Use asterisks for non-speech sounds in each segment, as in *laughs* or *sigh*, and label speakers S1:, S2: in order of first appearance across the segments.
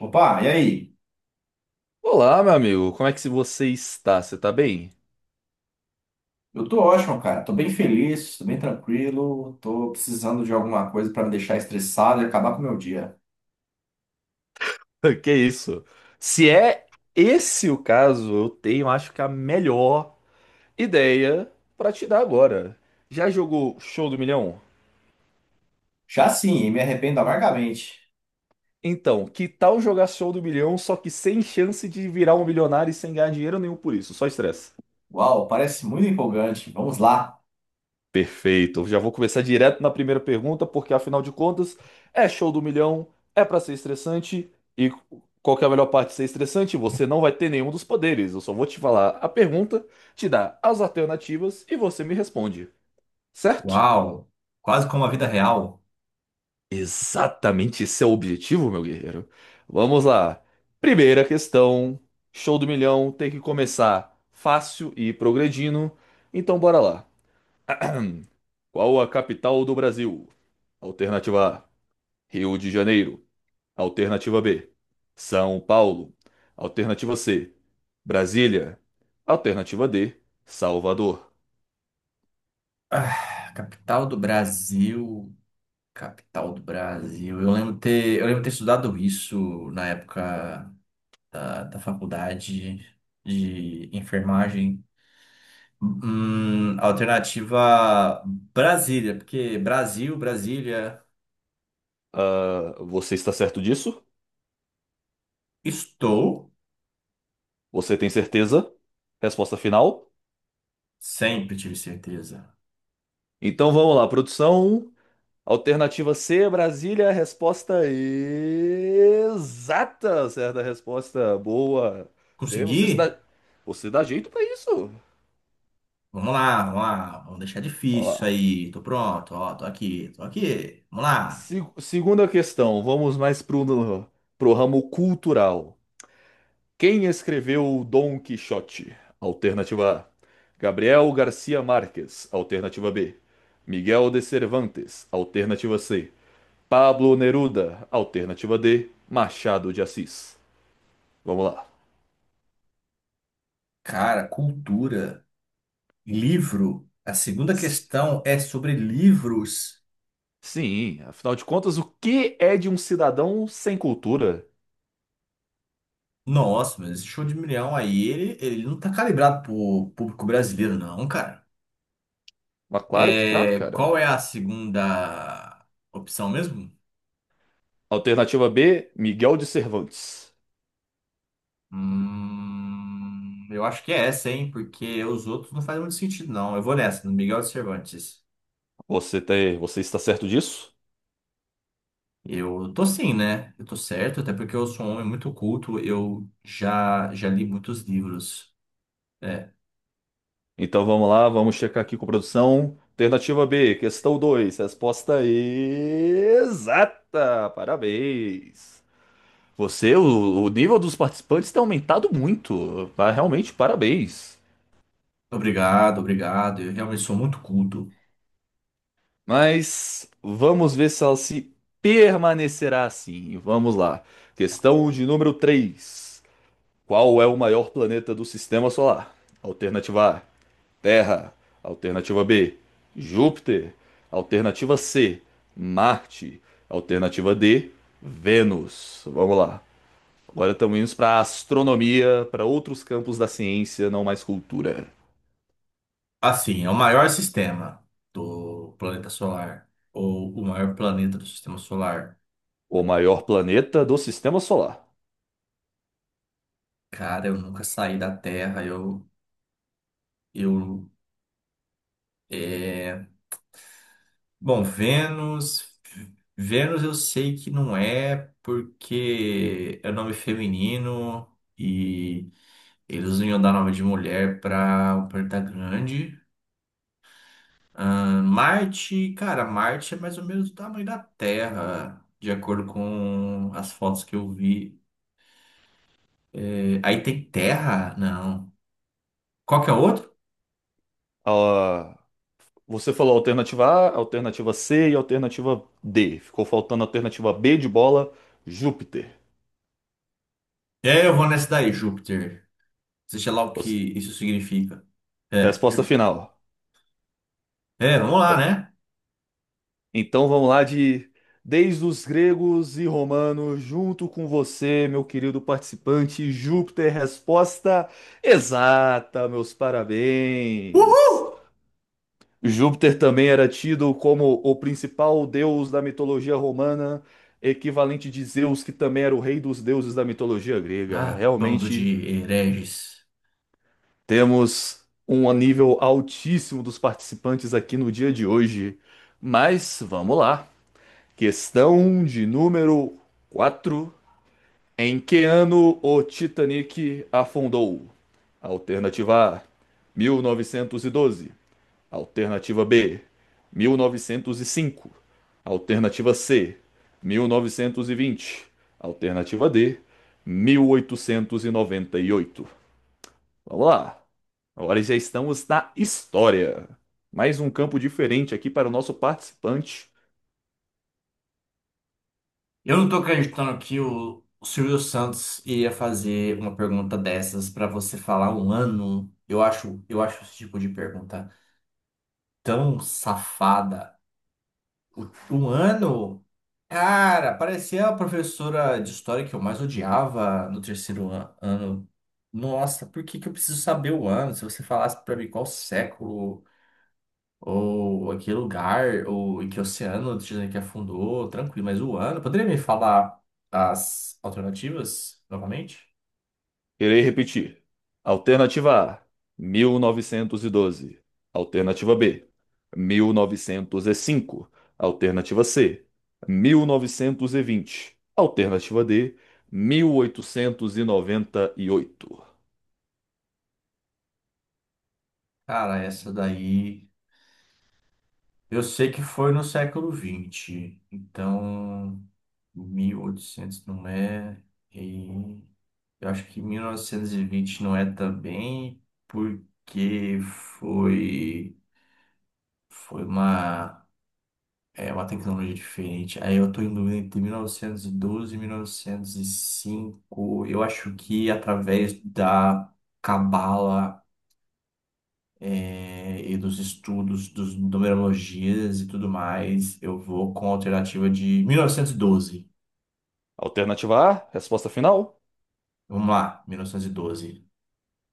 S1: Opa, e aí?
S2: Olá, meu amigo, como é que você está? Você tá bem?
S1: Eu tô ótimo, cara. Tô bem feliz, tô bem tranquilo. Tô precisando de alguma coisa pra me deixar estressado e acabar com o meu dia.
S2: *laughs* Que isso? Se é esse o caso, eu tenho, acho que a melhor ideia pra te dar agora. Já jogou Show do Milhão?
S1: Já sim, e me arrependo amargamente.
S2: Então, que tal jogar Show do Milhão, só que sem chance de virar um milionário e sem ganhar dinheiro nenhum por isso, só estresse.
S1: Uau, parece muito empolgante. Vamos lá.
S2: Perfeito. Eu já vou começar direto na primeira pergunta, porque afinal de contas, é Show do Milhão, é pra ser estressante e qual que é a melhor parte de ser estressante? Você não vai ter nenhum dos poderes. Eu só vou te falar a pergunta, te dar as alternativas e você me responde, certo?
S1: Uau! Quase como a vida real.
S2: Exatamente, esse é o objetivo, meu guerreiro. Vamos lá. Primeira questão, Show do Milhão, tem que começar fácil e ir progredindo. Então bora lá. Qual a capital do Brasil? Alternativa A, Rio de Janeiro; alternativa B, São Paulo; alternativa C, Brasília; alternativa D, Salvador.
S1: Ah, capital do Brasil, capital do Brasil. Eu lembro ter estudado isso na época da faculdade de enfermagem. Alternativa Brasília, porque Brasil, Brasília,
S2: Ah, você está certo disso?
S1: estou,
S2: Você tem certeza? Resposta final?
S1: sempre tive certeza.
S2: Então vamos lá, produção. Alternativa C, Brasília, resposta exata. Certa resposta, boa. Você, você se
S1: Consegui?
S2: dá, você dá jeito para isso.
S1: Vamos lá, vamos lá, vamos deixar difícil
S2: Vamos
S1: isso
S2: lá.
S1: aí. Tô pronto, ó, tô aqui, tô aqui. Vamos lá.
S2: Segunda questão, pro ramo cultural. Quem escreveu o Dom Quixote? Alternativa A, Gabriel Garcia Marques; alternativa B, Miguel de Cervantes; alternativa C, Pablo Neruda; alternativa D, Machado de Assis. Vamos lá.
S1: Cara, cultura, livro. A segunda
S2: S-
S1: questão é sobre livros.
S2: Sim, afinal de contas, o que é de um cidadão sem cultura?
S1: Nossa, mas esse show de milhão aí, ele não tá calibrado pro público brasileiro, não, cara.
S2: Mas claro que tá,
S1: É, qual
S2: cara.
S1: é a segunda opção mesmo?
S2: Alternativa B, Miguel de Cervantes.
S1: Eu acho que é essa, hein? Porque os outros não fazem muito sentido, não. Eu vou nessa, no Miguel de Cervantes.
S2: Você está certo disso?
S1: Eu tô sim, né? Eu tô certo, até porque eu sou um homem muito culto. Eu já li muitos livros. É,
S2: Então vamos lá, vamos checar aqui com produção. Alternativa B, questão 2, resposta exata. Parabéns. O nível dos participantes tem aumentado muito. Realmente, parabéns.
S1: obrigado, obrigado. Eu realmente sou muito culto.
S2: Mas vamos ver se ela se permanecerá assim. Vamos lá. Questão de número 3, qual é o maior planeta do sistema solar? Alternativa A, Terra; alternativa B, Júpiter; alternativa C, Marte; alternativa D, Vênus. Vamos lá. Agora estamos indo para a astronomia, para outros campos da ciência, não mais cultura.
S1: Assim, é o maior sistema do planeta solar, ou o maior planeta do sistema solar.
S2: O maior planeta do sistema solar.
S1: Cara, eu nunca saí da Terra. Eu é, Bom, Vênus. Vênus eu sei que não é porque é nome feminino e eles não iam dar nome de mulher para um planeta grande. Ah, Marte, cara, Marte é mais ou menos do tamanho da Terra, de acordo com as fotos que eu vi. É, aí tem Terra? Não. Qual que é o outro?
S2: Ah, você falou alternativa A, alternativa C e alternativa D. Ficou faltando a alternativa B de bola, Júpiter.
S1: É, eu vou nessa daí, Júpiter. Seja lá o que
S2: Os-
S1: isso significa. É,
S2: Resposta
S1: Júpiter.
S2: final.
S1: É, vamos lá, né?
S2: Então vamos lá de Desde os gregos e romanos, junto com você, meu querido participante, Júpiter, resposta exata, meus
S1: Uhul!
S2: parabéns. Júpiter também era tido como o principal deus da mitologia romana, equivalente de Zeus, que também era o rei dos deuses da mitologia grega.
S1: Ah, bando
S2: Realmente
S1: de hereges.
S2: temos um nível altíssimo dos participantes aqui no dia de hoje. Mas vamos lá. Questão de número 4. Em que ano o Titanic afundou? Alternativa A, 1912; alternativa B, 1905; alternativa C, 1920; alternativa D, 1898. Vamos lá. Agora já estamos na história. Mais um campo diferente aqui para o nosso participante.
S1: Eu não tô acreditando que o Silvio Santos iria fazer uma pergunta dessas pra você falar um ano. Eu acho esse tipo de pergunta tão safada. O- Um ano? Cara, parecia a professora de história que eu mais odiava no terceiro ano. Nossa, por que que eu preciso saber o ano? Se você falasse pra mim qual século. Ou em que lugar, ou em que oceano o Titanic afundou, tranquilo. Mas o ano, poderia me falar as alternativas novamente?
S2: Irei repetir. Alternativa A, 1912; alternativa B, 1905; alternativa C, 1920; alternativa D, mil oitocentos e noventa e oito.
S1: Cara, essa daí eu sei que foi no século XX, então 1800 não é, e eu acho que 1920 não é também, porque foi, foi uma. É uma tecnologia diferente. Aí eu tô em dúvida entre 1912 e 1905. Eu acho que através da cabala é, e dos estudos, dos numerologias e tudo mais, eu vou com a alternativa de 1912.
S2: Alternativa A, resposta final?
S1: Vamos lá, 1912.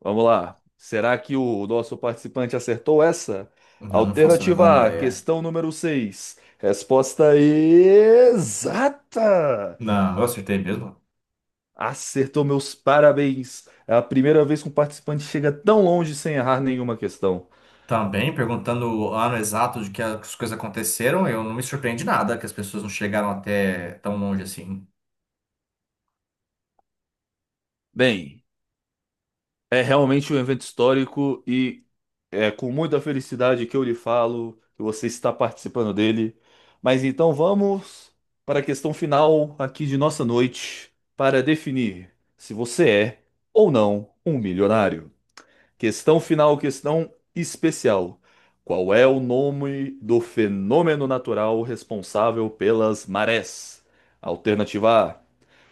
S2: Vamos lá. Será que o nosso participante acertou essa?
S1: Eu não faço a menor
S2: Alternativa A,
S1: ideia.
S2: questão número 6. Resposta exata!
S1: Não, eu acertei mesmo.
S2: Acertou, meus parabéns! É a primeira vez que um participante chega tão longe sem errar nenhuma questão.
S1: Também perguntando o ano exato de que as coisas aconteceram, eu não me surpreende nada que as pessoas não chegaram até tão longe assim.
S2: Bem, é realmente um evento histórico e é com muita felicidade que eu lhe falo que você está participando dele. Mas então vamos para a questão final aqui de nossa noite para definir se você é ou não um milionário. Questão final, questão especial. Qual é o nome do fenômeno natural responsável pelas marés? Alternativa A,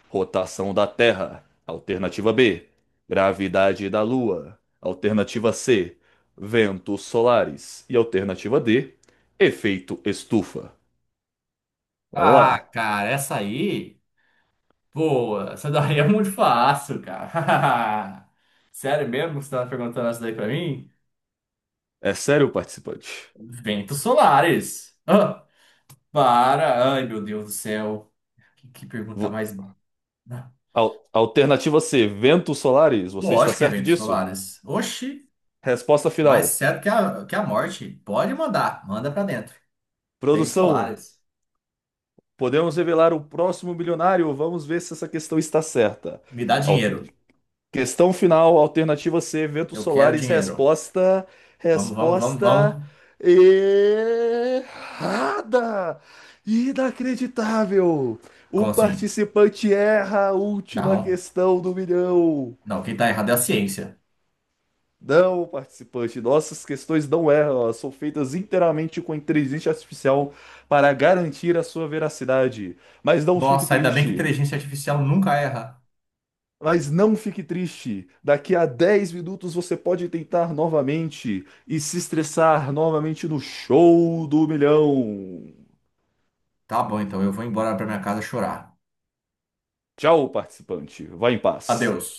S2: rotação da Terra; alternativa B, gravidade da Lua; alternativa C, ventos solares; e alternativa D, efeito estufa. Vamos
S1: Ah,
S2: lá.
S1: cara, essa aí, pô, essa daí é muito fácil, cara. *laughs* Sério mesmo que você tava perguntando essa daí pra mim?
S2: É sério, participante?
S1: Ventos solares. Ah, para. Ai, meu Deus do céu. Que pergunta
S2: Vo-
S1: mais.
S2: Alternativa C, ventos solares. Você está
S1: Lógico que é
S2: certo
S1: ventos
S2: disso?
S1: solares. Oxi,
S2: Resposta
S1: mais
S2: final.
S1: certo que a morte. Pode mandar, manda pra dentro. Ventos
S2: Produção.
S1: solares.
S2: Podemos revelar o próximo bilionário? Vamos ver se essa questão está certa.
S1: Me dá
S2: Al-
S1: dinheiro.
S2: Questão final, alternativa C, eventos
S1: Eu quero
S2: solares,
S1: dinheiro. Vamos, vamos, vamos,
S2: resposta
S1: vamos.
S2: errada! Inacreditável! O
S1: Como assim?
S2: participante erra a última
S1: Não,
S2: questão do milhão.
S1: não, quem tá errado é a ciência.
S2: Não, participante, nossas questões não erram, elas são feitas inteiramente com inteligência artificial para garantir a sua veracidade. Mas não fique
S1: Nossa, ainda bem que
S2: triste.
S1: inteligência artificial nunca erra.
S2: Mas não fique triste. Daqui a 10 minutos você pode tentar novamente e se estressar novamente no Show do Milhão.
S1: Tá bom, então eu vou embora pra minha casa chorar.
S2: Tchau, participante. Vá em paz.
S1: Adeus.